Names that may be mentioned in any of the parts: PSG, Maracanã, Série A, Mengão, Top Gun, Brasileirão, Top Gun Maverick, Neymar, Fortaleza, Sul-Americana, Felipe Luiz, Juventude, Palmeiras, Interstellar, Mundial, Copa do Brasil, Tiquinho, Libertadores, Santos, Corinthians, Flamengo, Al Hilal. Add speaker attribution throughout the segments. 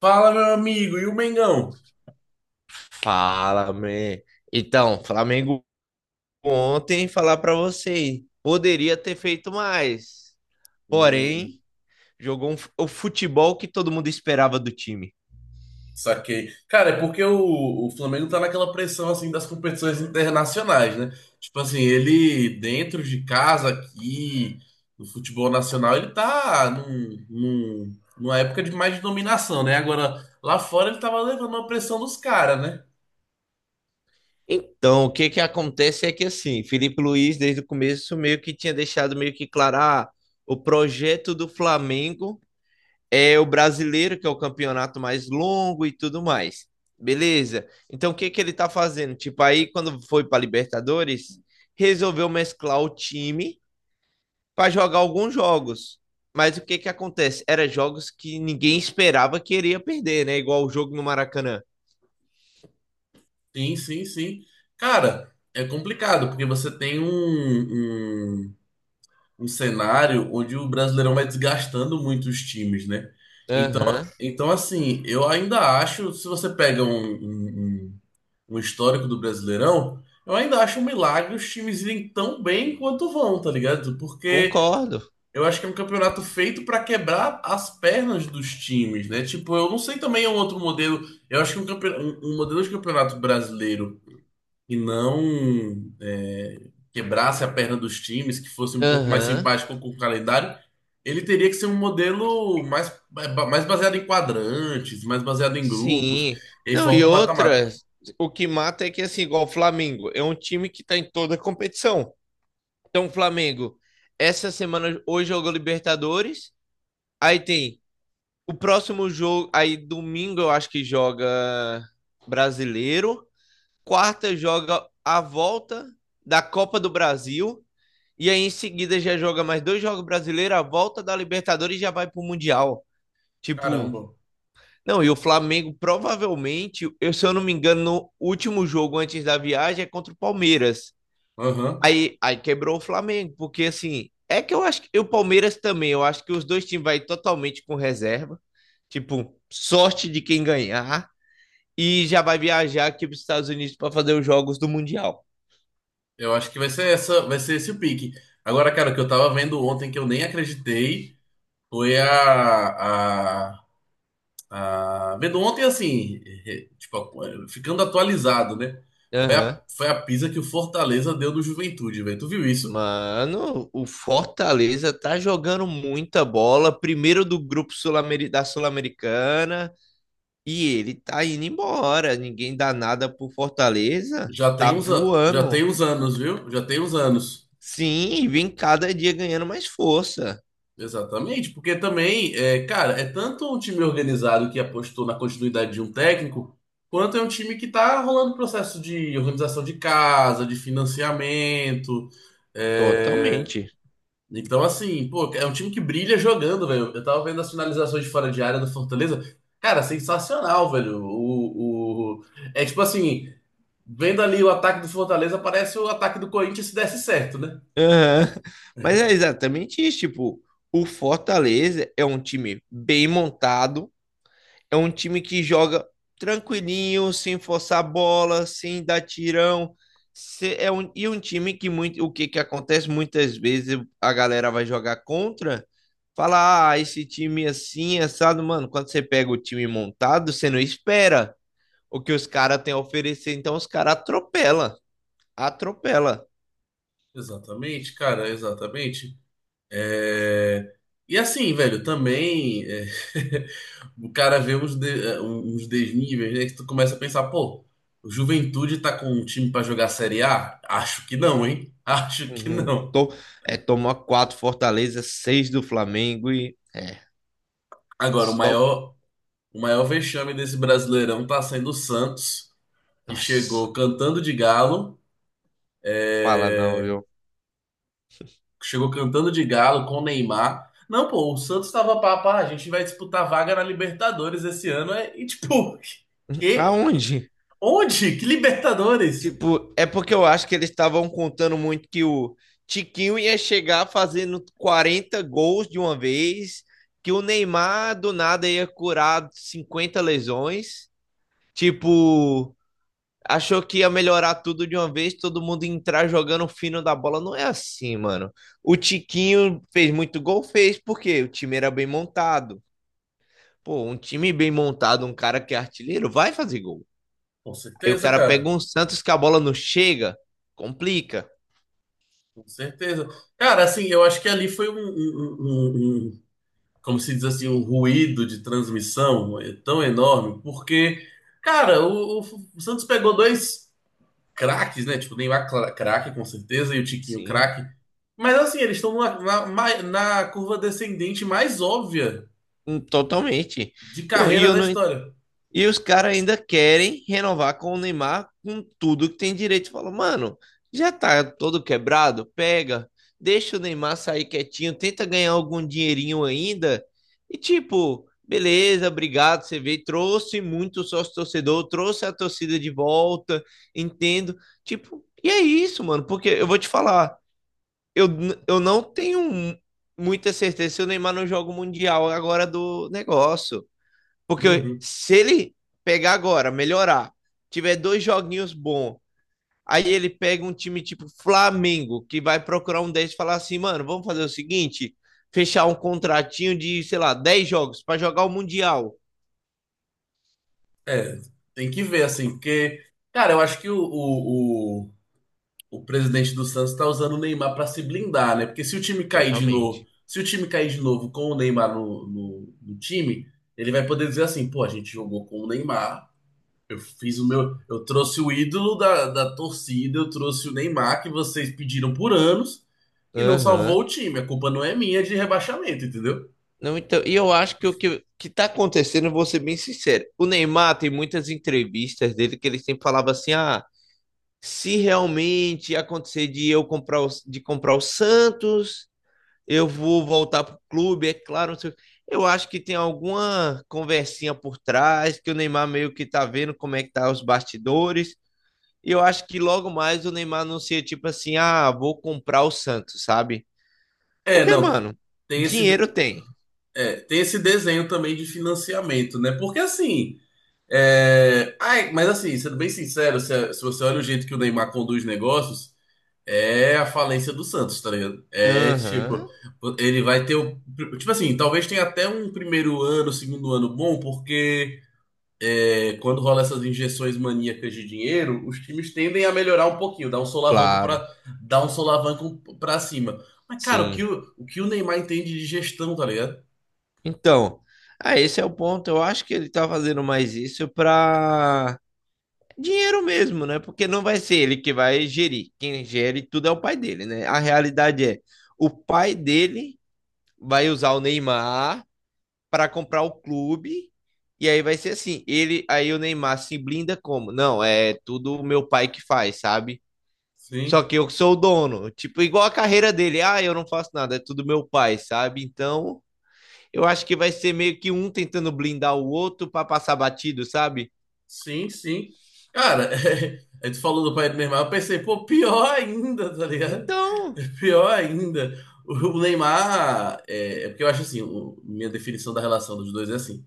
Speaker 1: Fala, meu amigo, e o Mengão?
Speaker 2: Fala, man. Então, Flamengo ontem, falar pra vocês, poderia ter feito mais.
Speaker 1: Hum,
Speaker 2: Porém, jogou o futebol que todo mundo esperava do time.
Speaker 1: Saquei. Cara, é porque o Flamengo tá naquela pressão assim das competições internacionais, né? Tipo assim, ele dentro de casa aqui, no futebol nacional, ele tá numa época de mais de dominação, né? Agora, lá fora ele tava levando uma pressão dos caras, né?
Speaker 2: Então, o que que acontece é que assim, Felipe Luiz desde o começo meio que tinha deixado meio que claro, ah, o projeto do Flamengo é o brasileiro, que é o campeonato mais longo e tudo mais. Beleza. Então, o que que ele tá fazendo? Tipo, aí quando foi para Libertadores, resolveu mesclar o time para jogar alguns jogos. Mas o que que acontece? Era jogos que ninguém esperava que iria perder, né? Igual o jogo no Maracanã.
Speaker 1: Sim, sim, sim. Cara, é complicado, porque você tem um cenário onde o Brasileirão vai desgastando muito os times, né? Então,
Speaker 2: Aham,
Speaker 1: então assim, eu ainda acho, se você pega um histórico do Brasileirão, eu ainda acho um milagre os times irem tão bem quanto vão, tá ligado? Porque
Speaker 2: concordo.
Speaker 1: eu acho que é um campeonato feito para quebrar as pernas dos times, né? Tipo, eu não sei também um outro modelo. Eu acho que um modelo de campeonato brasileiro e não é, quebrasse a perna dos times, que fosse um pouco mais
Speaker 2: Aham,
Speaker 1: simpático com o calendário, ele teria que ser um modelo mais baseado em quadrantes, mais baseado em grupos,
Speaker 2: sim.
Speaker 1: e aí
Speaker 2: Não, e
Speaker 1: forma um mata-mata.
Speaker 2: outra, o que mata é que, assim, igual o Flamengo, é um time que tá em toda competição. Então, Flamengo, essa semana hoje jogou Libertadores. Aí tem o próximo jogo. Aí domingo eu acho que joga brasileiro. Quarta joga a volta da Copa do Brasil. E aí em seguida já joga mais dois jogos brasileiros, a volta da Libertadores e já vai pro Mundial. Tipo,
Speaker 1: Caramba.
Speaker 2: não, e o Flamengo provavelmente, se eu não me engano, no último jogo antes da viagem é contra o Palmeiras.
Speaker 1: Aham.
Speaker 2: Aí, quebrou o Flamengo, porque assim, é que eu acho que e o Palmeiras também, eu acho que os dois times vai totalmente com reserva, tipo, sorte de quem ganhar e já vai viajar aqui para os Estados Unidos para fazer os jogos do Mundial.
Speaker 1: Eu acho que vai ser essa, vai ser esse o pique. Agora, cara, o que eu tava vendo ontem que eu nem acreditei foi a vendo ontem, assim, tipo, ficando atualizado, né? Foi
Speaker 2: Aham.
Speaker 1: a, foi a pisa que o Fortaleza deu no Juventude, velho. Tu viu isso?
Speaker 2: Mano, o Fortaleza tá jogando muita bola, primeiro do grupo da Sul-Americana, e ele tá indo embora. Ninguém dá nada pro Fortaleza,
Speaker 1: Já tem
Speaker 2: tá
Speaker 1: uns, já
Speaker 2: voando.
Speaker 1: tem uns anos, viu? Já tem uns anos.
Speaker 2: Sim, e vem cada dia ganhando mais força.
Speaker 1: Exatamente, porque também, é, cara, é tanto um time organizado que apostou na continuidade de um técnico, quanto é um time que tá rolando processo de organização de casa, de financiamento. É,
Speaker 2: Totalmente.
Speaker 1: então, assim, pô, é um time que brilha jogando, velho. Eu tava vendo as finalizações de fora de área do Fortaleza. Cara, sensacional, velho. É tipo assim, vendo ali o ataque do Fortaleza, parece o ataque do Corinthians se desse certo, né?
Speaker 2: Aham. Mas é exatamente isso, tipo, o Fortaleza é um time bem montado, é um time que joga tranquilinho, sem forçar a bola, sem dar tirão. É um, e um time que muito, o que que acontece muitas vezes a galera vai jogar contra, fala, ah, esse time assim, assado, mano, quando você pega o time montado, você não espera o que os caras têm a oferecer, então os caras atropela, atropela.
Speaker 1: Exatamente, cara, exatamente. É... E assim, velho, também é, o cara vê uns, uns desníveis, né? Que tu começa a pensar, pô, o Juventude tá com um time pra jogar Série A? Acho que não, hein? Acho que
Speaker 2: Uhum.
Speaker 1: não.
Speaker 2: É, tomou quatro Fortaleza, seis do Flamengo e é
Speaker 1: Agora, o
Speaker 2: só.
Speaker 1: maior... O maior vexame desse Brasileirão tá sendo o Santos, que chegou
Speaker 2: Nossa,
Speaker 1: cantando de galo,
Speaker 2: fala não,
Speaker 1: é,
Speaker 2: viu?
Speaker 1: chegou cantando de galo com o Neymar. Não, pô, o Santos tava papá, a gente vai disputar vaga na Libertadores esse ano, é- e tipo, que?
Speaker 2: Aonde?
Speaker 1: Onde? Que Libertadores?
Speaker 2: Tipo, é porque eu acho que eles estavam contando muito que o Tiquinho ia chegar fazendo 40 gols de uma vez, que o Neymar do nada ia curar 50 lesões. Tipo, achou que ia melhorar tudo de uma vez, todo mundo entrar jogando fino da bola. Não é assim, mano. O Tiquinho fez muito gol, fez, porque o time era bem montado. Pô, um time bem montado, um cara que é artilheiro, vai fazer gol.
Speaker 1: Com
Speaker 2: Aí o
Speaker 1: certeza,
Speaker 2: cara pega
Speaker 1: cara,
Speaker 2: um Santos que a bola não chega, complica.
Speaker 1: com certeza. Cara, assim, eu acho que ali foi como se diz assim, um ruído de transmissão é, tão enorme, porque, cara, o Santos pegou dois craques, né? Tipo, o Neymar craque, com certeza, e o Tiquinho
Speaker 2: Sim,
Speaker 1: craque. Mas assim, eles estão na curva descendente mais óbvia
Speaker 2: totalmente.
Speaker 1: de
Speaker 2: Não, e
Speaker 1: carreira
Speaker 2: eu
Speaker 1: da
Speaker 2: não,
Speaker 1: história.
Speaker 2: e os caras ainda querem renovar com o Neymar com tudo que tem direito. Fala, mano, já tá todo quebrado, pega, deixa o Neymar sair quietinho, tenta ganhar algum dinheirinho ainda. E tipo, beleza, obrigado, você veio, trouxe muito sócio-torcedor, trouxe a torcida de volta, entendo. Tipo, e é isso, mano, porque eu vou te falar, eu, eu não tenho muita certeza se o Neymar não joga o Mundial agora do negócio. Porque
Speaker 1: Uhum.
Speaker 2: se ele pegar agora, melhorar, tiver dois joguinhos bons, aí ele pega um time tipo Flamengo, que vai procurar um deles e falar assim, mano, vamos fazer o seguinte, fechar um contratinho de, sei lá, 10 jogos para jogar o Mundial.
Speaker 1: É, tem que ver, assim, porque, cara, eu acho que o presidente do Santos tá usando o Neymar pra se blindar, né? Porque se o time cair de novo,
Speaker 2: Totalmente.
Speaker 1: se o time cair de novo com o Neymar no time, ele vai poder dizer assim, pô, a gente jogou com o Neymar. Eu fiz o meu. Eu trouxe o ídolo da torcida, eu trouxe o Neymar, que vocês pediram por anos, e não salvou o
Speaker 2: Aham.
Speaker 1: time. A culpa não é minha de rebaixamento, entendeu?
Speaker 2: Não, então, e eu acho que o que, que tá acontecendo, eu vou ser bem sincero, o Neymar tem muitas entrevistas dele que ele sempre falava assim, ah, se realmente acontecer de eu de comprar o Santos, eu vou voltar pro clube, é claro, não sei o quê. Eu acho que tem alguma conversinha por trás, que o Neymar meio que tá vendo como é que tá os bastidores. E eu acho que logo mais o Neymar anuncia tipo assim: ah, vou comprar o Santos, sabe?
Speaker 1: É,
Speaker 2: Porque,
Speaker 1: não.
Speaker 2: mano,
Speaker 1: Tem esse,
Speaker 2: dinheiro tem.
Speaker 1: é, tem esse desenho também de financiamento, né? Porque assim. É... Ai, mas assim, sendo bem sincero, se você olha o jeito que o Neymar conduz negócios, é a falência do Santos, tá ligado? É tipo,
Speaker 2: Aham,
Speaker 1: ele vai ter o. Tipo assim, talvez tenha até um primeiro ano, segundo ano bom, porque é, quando rola essas injeções maníacas de dinheiro, os times tendem a melhorar um pouquinho, dar um solavanco
Speaker 2: claro,
Speaker 1: para dar um solavanco para cima. Mas cara,
Speaker 2: sim.
Speaker 1: o que o Neymar entende de gestão, tá ligado?
Speaker 2: Então, ah, esse é o ponto. Eu acho que ele tá fazendo mais isso pra dinheiro mesmo, né? Porque não vai ser ele que vai gerir. Quem gere tudo é o pai dele, né? A realidade é, o pai dele vai usar o Neymar para comprar o clube e aí vai ser assim, ele aí o Neymar se blinda como? Não, é tudo o meu pai que faz, sabe? Só
Speaker 1: Sim,
Speaker 2: que eu sou o dono, tipo igual a carreira dele. Ah, eu não faço nada, é tudo meu pai, sabe? Então, eu acho que vai ser meio que um tentando blindar o outro para passar batido, sabe?
Speaker 1: sim, sim. Cara, é, aí tu falou do pai do Neymar, eu pensei, pô, pior ainda, tá ligado?
Speaker 2: Então,
Speaker 1: Pior ainda. O Neymar é, é porque eu acho assim, o- minha definição da relação dos dois é assim.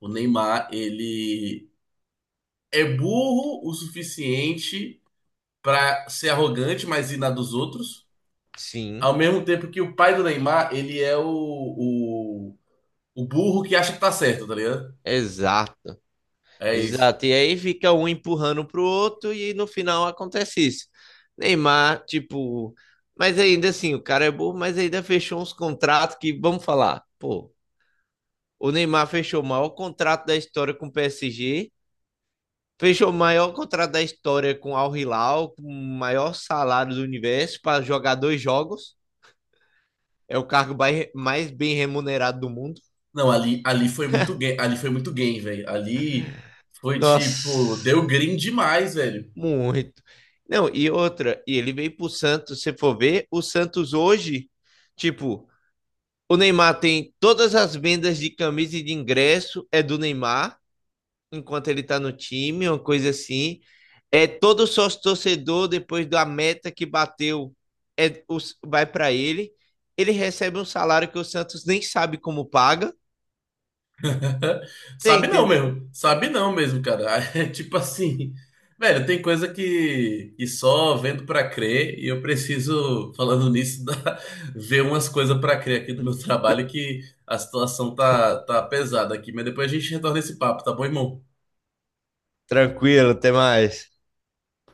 Speaker 1: O Neymar, ele é burro o suficiente pra ser arrogante, mas ir na dos outros.
Speaker 2: sim,
Speaker 1: Ao mesmo tempo que o pai do Neymar, ele é o burro que acha que tá certo, tá ligado?
Speaker 2: exato.
Speaker 1: É isso.
Speaker 2: Exato. E aí fica um empurrando pro outro e no final acontece isso. Neymar, tipo, mas ainda assim, o cara é burro, mas ainda fechou uns contratos que, vamos falar, pô, o Neymar fechou o maior contrato da história com o PSG, fechou o maior contrato da história com o Al Hilal, com o maior salário do universo para jogar dois jogos. É o cargo mais bem remunerado do mundo.
Speaker 1: Não, ali, ali foi muito game, ali foi muito game, velho. Ali foi tipo,
Speaker 2: Nossa,
Speaker 1: deu green demais, velho.
Speaker 2: muito. Não, e outra, e ele veio pro Santos, se for ver, o Santos hoje, tipo, o Neymar tem todas as vendas de camisa e de ingresso é do Neymar, enquanto ele tá no time, uma coisa assim. É todo sócio torcedor depois da meta que bateu, é o- vai para ele. Ele recebe um salário que o Santos nem sabe como paga. Você
Speaker 1: Sabe não,
Speaker 2: entendeu?
Speaker 1: mesmo. Sabe não mesmo, cara. É tipo assim, velho, tem coisa que só vendo pra crer e eu preciso, falando nisso, ver umas coisas pra crer aqui do meu trabalho que a situação tá pesada aqui. Mas depois a gente retorna esse papo, tá bom, irmão?
Speaker 2: Tranquilo, até mais.